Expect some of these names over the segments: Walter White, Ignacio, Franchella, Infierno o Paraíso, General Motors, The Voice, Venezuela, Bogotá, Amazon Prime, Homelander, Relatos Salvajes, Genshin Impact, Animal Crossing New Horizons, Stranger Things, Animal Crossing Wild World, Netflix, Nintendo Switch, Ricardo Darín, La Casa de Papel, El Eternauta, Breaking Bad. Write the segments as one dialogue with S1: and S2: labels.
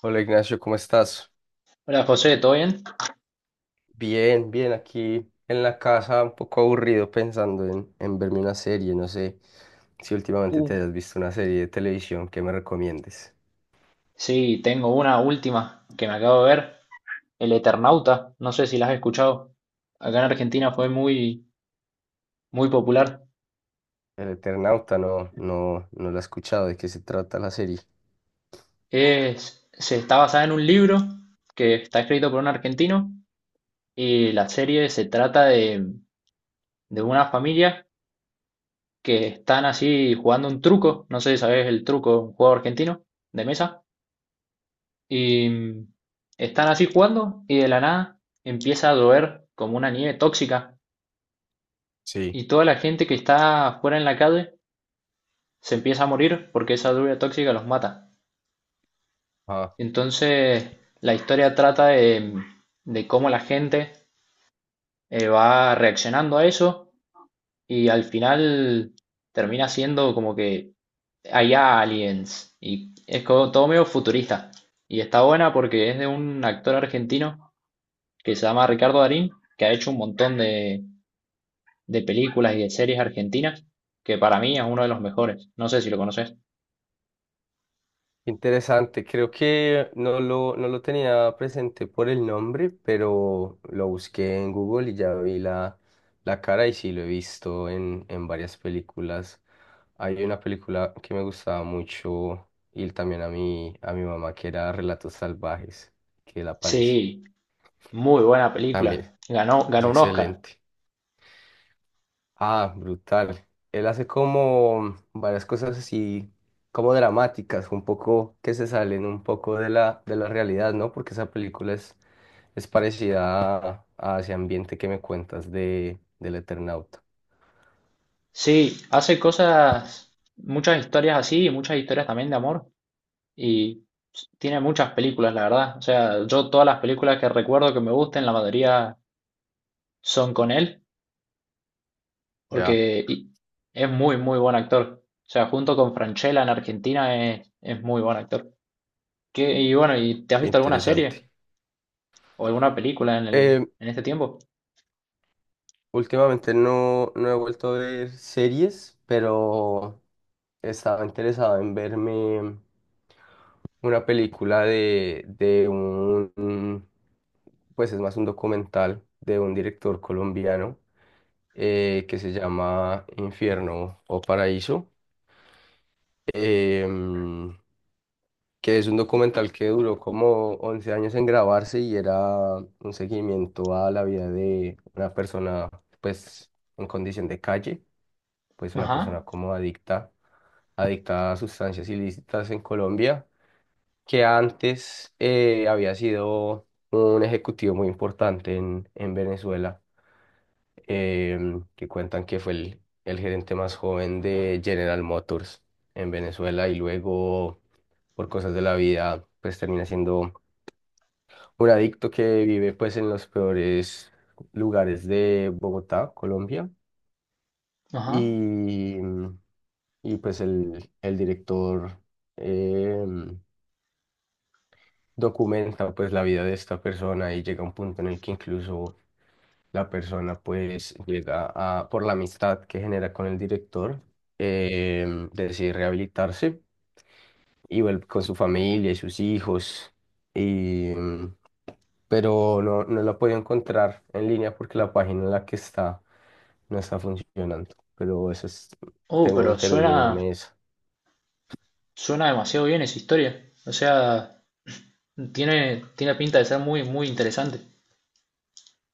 S1: Hola Ignacio, ¿cómo estás?
S2: Hola José, ¿todo bien?
S1: Bien, bien, aquí en la casa, un poco aburrido pensando en verme una serie. No sé si últimamente
S2: Uh,
S1: te has visto una serie de televisión que me recomiendes.
S2: Sí, tengo una última que me acabo de ver. El Eternauta, no sé si la has escuchado. Acá en Argentina fue muy popular.
S1: El Eternauta, no la he escuchado. ¿De qué se trata la serie?
S2: Es, se está basada en un libro que está escrito por un argentino, y la serie se trata de una familia que están así jugando un truco, no sé si sabes el truco, un juego argentino de mesa, y están así jugando y de la nada empieza a llover como una nieve tóxica.
S1: Sí,
S2: Y toda la gente que está afuera en la calle se empieza a morir porque esa lluvia tóxica los mata. Entonces, la historia trata de cómo la gente va reaccionando a eso, y al final termina siendo como que hay aliens y es como todo medio futurista. Y está buena porque es de un actor argentino que se llama Ricardo Darín, que ha hecho un montón de películas y de series argentinas, que para mí es uno de los mejores. No sé si lo conoces.
S1: interesante, creo que no lo tenía presente por el nombre, pero lo busqué en Google y ya vi la cara y sí lo he visto en varias películas. Hay una película que me gustaba mucho y también a mi mamá, que era Relatos Salvajes, que él aparece.
S2: Sí, muy buena
S1: También
S2: película.
S1: es
S2: Ganó un Oscar.
S1: excelente. Ah, brutal. Él hace como varias cosas así, como dramáticas, un poco que se salen un poco de la realidad, ¿no? Porque esa película es parecida a ese ambiente que me cuentas del Eternauta.
S2: Sí, hace cosas, muchas historias así y muchas historias también de amor. Y tiene muchas películas, la verdad. O sea, yo todas las películas que recuerdo que me gusten, la mayoría son con él,
S1: Ya,
S2: porque y- es muy buen actor. O sea, junto con Franchella en Argentina es muy buen actor. Y bueno, ¿y te has visto alguna
S1: interesante.
S2: serie o alguna película en el,
S1: Eh,
S2: en este tiempo?
S1: últimamente no he vuelto a ver series, pero estaba interesado en verme una película de pues es más un documental de un director colombiano que se llama Infierno o Paraíso, em, que es un documental que duró como 11 años en grabarse y era un seguimiento a la vida de una persona, pues en condición de calle, pues una persona
S2: Ajá,
S1: como adicta a sustancias ilícitas en Colombia, que antes había sido un ejecutivo muy importante en Venezuela. Que cuentan que fue el gerente más joven de General Motors en Venezuela y luego, por cosas de la vida, pues termina siendo un adicto que vive pues en los peores lugares de Bogotá, Colombia.
S2: ajá.
S1: Y, y pues el director em, documenta pues la vida de esta persona, y llega un punto en el que incluso la persona pues llega a, por la amistad que genera con el director, decide rehabilitarse y vuelve con su familia y sus hijos. Y pero no la puedo encontrar en línea porque la página en la que está no está funcionando, pero eso es,
S2: Oh,
S1: tengo
S2: pero
S1: interés de
S2: suena,
S1: verme eso.
S2: suena demasiado bien esa historia. O sea, tiene pinta de ser muy interesante.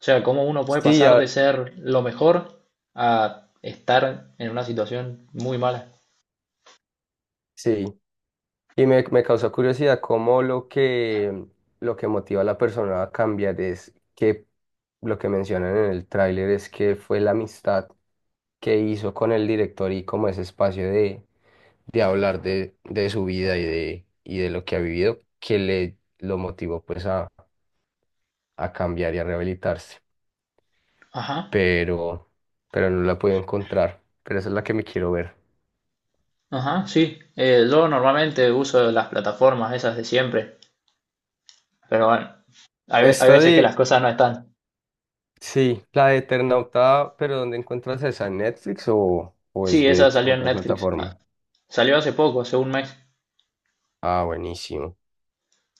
S2: O sea, cómo uno puede
S1: Sí,
S2: pasar
S1: ya.
S2: de ser lo mejor a estar en una situación muy mala.
S1: Sí. Y me causó curiosidad cómo lo que motiva a la persona a cambiar es que lo que mencionan en el tráiler es que fue la amistad que hizo con el director, y como ese espacio de hablar de su vida y de lo que ha vivido, que le lo motivó pues a cambiar y a rehabilitarse.
S2: Ajá,
S1: Pero, pero no la puedo encontrar. Pero esa es la que me quiero ver.
S2: ajá, sí. Yo normalmente uso las plataformas esas de siempre. Pero bueno, hay
S1: Esta
S2: veces que las
S1: de...
S2: cosas no están.
S1: Sí, la de Eternauta, pero ¿dónde encuentras esa? ¿En Netflix o es
S2: Sí, esa
S1: de
S2: salió en
S1: otra
S2: Netflix.
S1: plataforma?
S2: Ah, salió hace poco, hace un mes.
S1: Ah, buenísimo,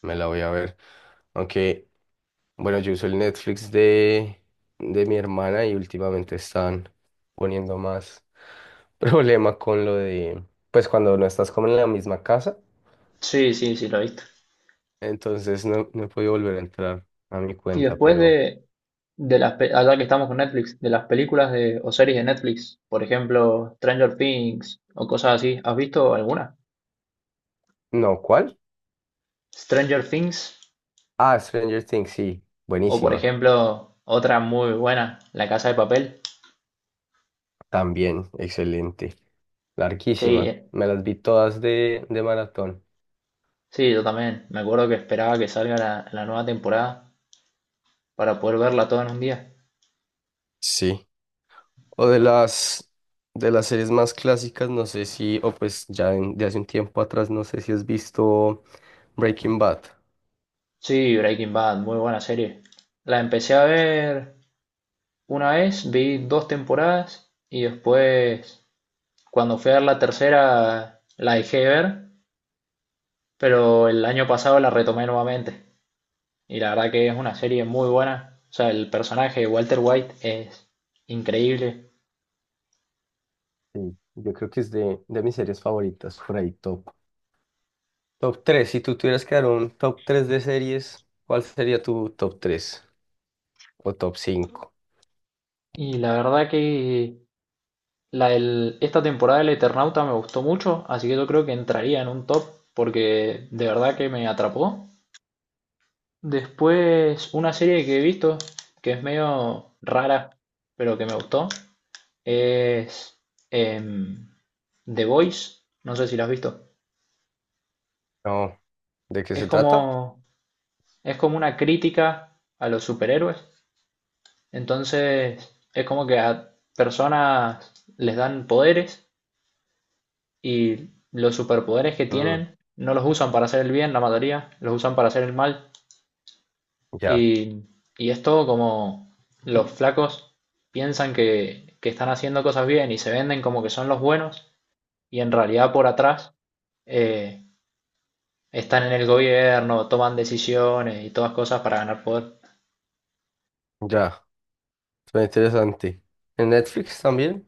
S1: me la voy a ver. Aunque, bueno, yo uso el Netflix de mi hermana, y últimamente están poniendo más problema con lo de, pues cuando no estás como en la misma casa,
S2: Sí, sí, sí, lo he visto.
S1: entonces no he podido volver a entrar a mi
S2: Y
S1: cuenta,
S2: después
S1: pero
S2: de, de las, allá que estamos con Netflix, de las películas de, o series de Netflix, por ejemplo, Stranger Things o cosas así, ¿has visto alguna?
S1: no, ¿cuál?
S2: Stranger Things,
S1: Ah, Stranger Things, sí,
S2: o por
S1: buenísima,
S2: ejemplo otra muy buena, La Casa de Papel.
S1: también, excelente.
S2: Sí,
S1: Larguísima.
S2: eh,
S1: Me las vi todas de maratón.
S2: sí, yo también. Me acuerdo que esperaba que salga la nueva temporada para poder verla toda en un día.
S1: Sí. O de las, de las series más clásicas, no sé si, o pues ya en- de hace un tiempo atrás, no sé si has visto Breaking Bad.
S2: Sí, Breaking Bad, muy buena serie. La empecé a ver una vez, vi dos temporadas y después, cuando fui a ver la tercera, la dejé de ver, pero el año pasado la retomé nuevamente, y la verdad que es una serie muy buena. O sea, el personaje de Walter White es increíble,
S1: Sí, yo creo que es de mis series favoritas, por ahí top. Top tres. Si tú tuvieras que dar un top 3 de series, ¿cuál sería tu top 3 o top cinco?
S2: y la verdad que esta temporada del Eternauta me gustó mucho, así que yo creo que entraría en un top, porque de verdad que me atrapó. Después, una serie que he visto que es medio rara, pero que me gustó, es em, The Voice. No sé si la has visto.
S1: No, ¿de qué
S2: Es
S1: se trata?
S2: como es como una crítica a los superhéroes. Entonces, es como que a personas les dan poderes, y los superpoderes que
S1: Mm,
S2: tienen no los usan para hacer el bien, la mayoría, los usan para hacer el mal.
S1: ya,
S2: Y, y es todo como los flacos piensan que están haciendo cosas bien y se venden como que son los buenos, y en realidad por atrás eh, están en el gobierno, toman decisiones y todas cosas para ganar poder.
S1: ya, suena interesante. ¿En Netflix también?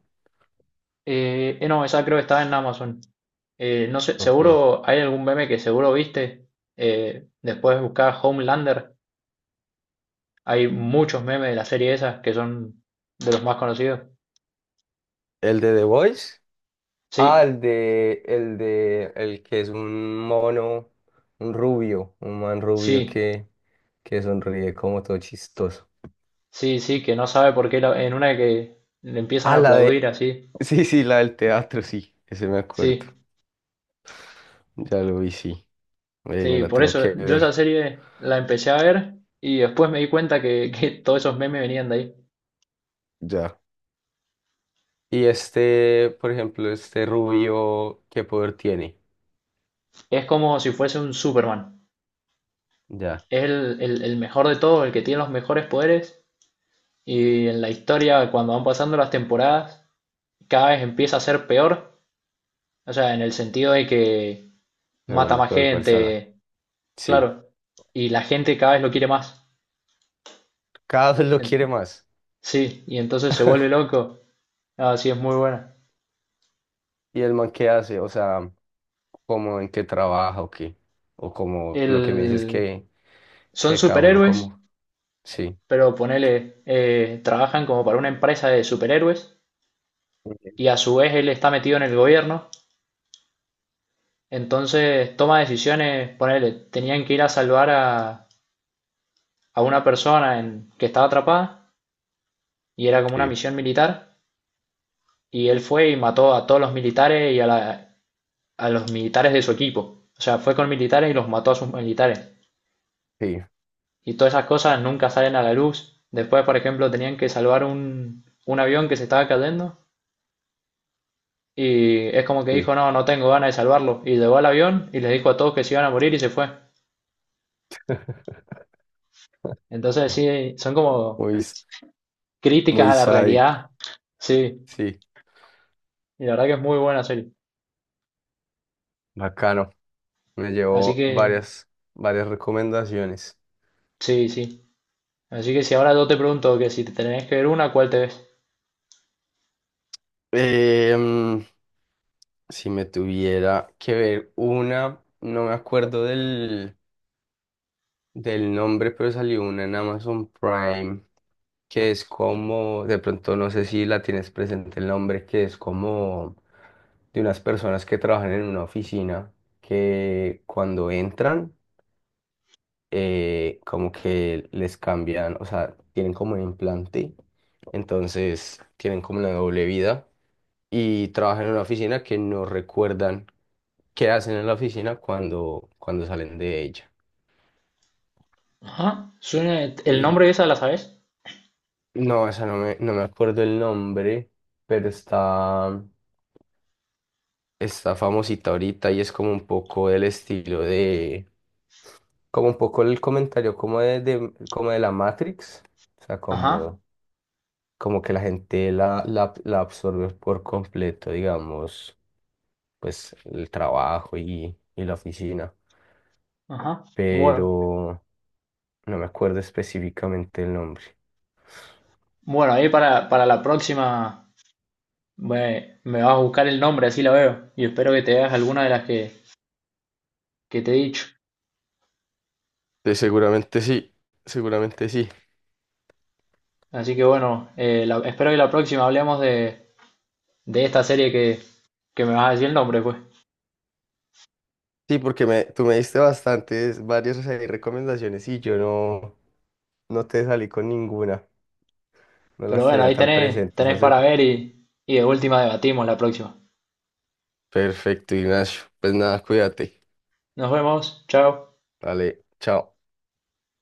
S2: No, esa creo que está en Amazon. No sé,
S1: Ok.
S2: seguro hay algún meme que seguro viste. Después de buscar Homelander, hay muchos memes de la serie esa que son de los más conocidos.
S1: ¿El de The Voice? Ah,
S2: Sí,
S1: el de, el de, el que es un mono, un rubio, un man rubio
S2: sí,
S1: que sonríe como todo chistoso.
S2: sí, sí, que no sabe por qué en una que le empiezan a
S1: Ah, la
S2: aplaudir
S1: de,
S2: así.
S1: sí, sí, la del teatro, sí, ese me acuerdo.
S2: Sí,
S1: Ya lo vi, sí. Me
S2: sí,
S1: la
S2: por
S1: tengo
S2: eso
S1: que
S2: yo
S1: ver,
S2: esa serie la empecé a ver, y después me di cuenta que, que todos esos memes venían de ahí.
S1: ya. Y este, por ejemplo, este rubio, ¿qué poder tiene?
S2: Es como si fuese un Superman.
S1: Ya,
S2: Es el mejor de todos, el que tiene los mejores poderes. Y en la historia, cuando van pasando las temporadas, cada vez empieza a ser peor. O sea, en el sentido de que
S1: se
S2: mata
S1: vuelve
S2: más
S1: peor persona.
S2: gente,
S1: Sí.
S2: claro. Y la gente cada vez lo quiere más.
S1: Cada vez lo quiere
S2: En-
S1: más.
S2: Sí, y entonces se vuelve loco. Ah, sí, es muy buena.
S1: ¿Y el man qué hace? O sea, ¿cómo en qué trabaja o qué? O como lo que me dices
S2: El... son
S1: que cada uno
S2: superhéroes,
S1: como. Sí,
S2: pero ponele, trabajan como para una empresa de superhéroes, y
S1: ok,
S2: a su vez él está metido en el gobierno. Entonces toma decisiones, ponele, tenían que ir a salvar a una persona que estaba atrapada, y era como una
S1: sí,
S2: misión militar, y él fue y mató a todos los militares y a los militares de su equipo. O sea, fue con militares y los mató a sus militares.
S1: sí,
S2: Y todas esas cosas nunca salen a la luz. Después, por ejemplo, tenían que salvar un avión que se estaba cayendo, y es como que
S1: sí.
S2: dijo, no, no tengo ganas de salvarlo. Y llegó al avión y le dijo a todos que se iban a morir y se fue. Entonces, sí, son como
S1: Muy, s-
S2: críticas
S1: muy
S2: a la
S1: sádico.
S2: realidad. Sí,
S1: Sí,
S2: y la verdad que es muy buena serie.
S1: bacano. Me
S2: Así
S1: llevo
S2: que,
S1: varias, varias recomendaciones.
S2: sí, sí. Así que si ahora yo te pregunto que si te tenés que ver una, ¿cuál te ves?
S1: Em, si me tuviera que ver una, no me acuerdo del nombre, pero salió una en Amazon Prime, que es como, de pronto no sé si la tienes presente el nombre, que es como de unas personas que trabajan en una oficina, que cuando entran, como que les cambian, o sea, tienen como un implante, entonces tienen como una doble vida y trabajan en una oficina que no recuerdan qué hacen en la oficina cuando, cuando salen de ella.
S2: Ajá.
S1: Y,
S2: Suena, el
S1: y-
S2: nombre esa la sabes.
S1: no, esa no me acuerdo el nombre, pero está... está famosita ahorita y es como un poco el estilo de, como un poco el comentario como de- como de la Matrix, o sea,
S2: Ajá.
S1: como, como que la gente la absorbe por completo, digamos, pues el trabajo y la oficina,
S2: Ajá. Bueno,
S1: pero no me acuerdo específicamente el nombre.
S2: bueno, ahí para la próxima me vas a buscar el nombre, así la veo. Y espero que te veas alguna de las que te he dicho.
S1: Sí, seguramente sí, seguramente sí.
S2: Así que bueno, espero que la próxima hablemos de esta serie que me vas a decir el nombre, pues.
S1: Sí, porque me, tú me diste bastantes, varias ahí recomendaciones, y yo no te salí con ninguna. No
S2: Pero
S1: las
S2: bueno,
S1: tenía
S2: ahí
S1: tan
S2: tenés,
S1: presentes
S2: tenés
S1: así.
S2: para ver y de última debatimos la próxima.
S1: Perfecto, Ignacio. Pues nada, cuídate.
S2: Nos vemos. Chao.
S1: Vale, chao.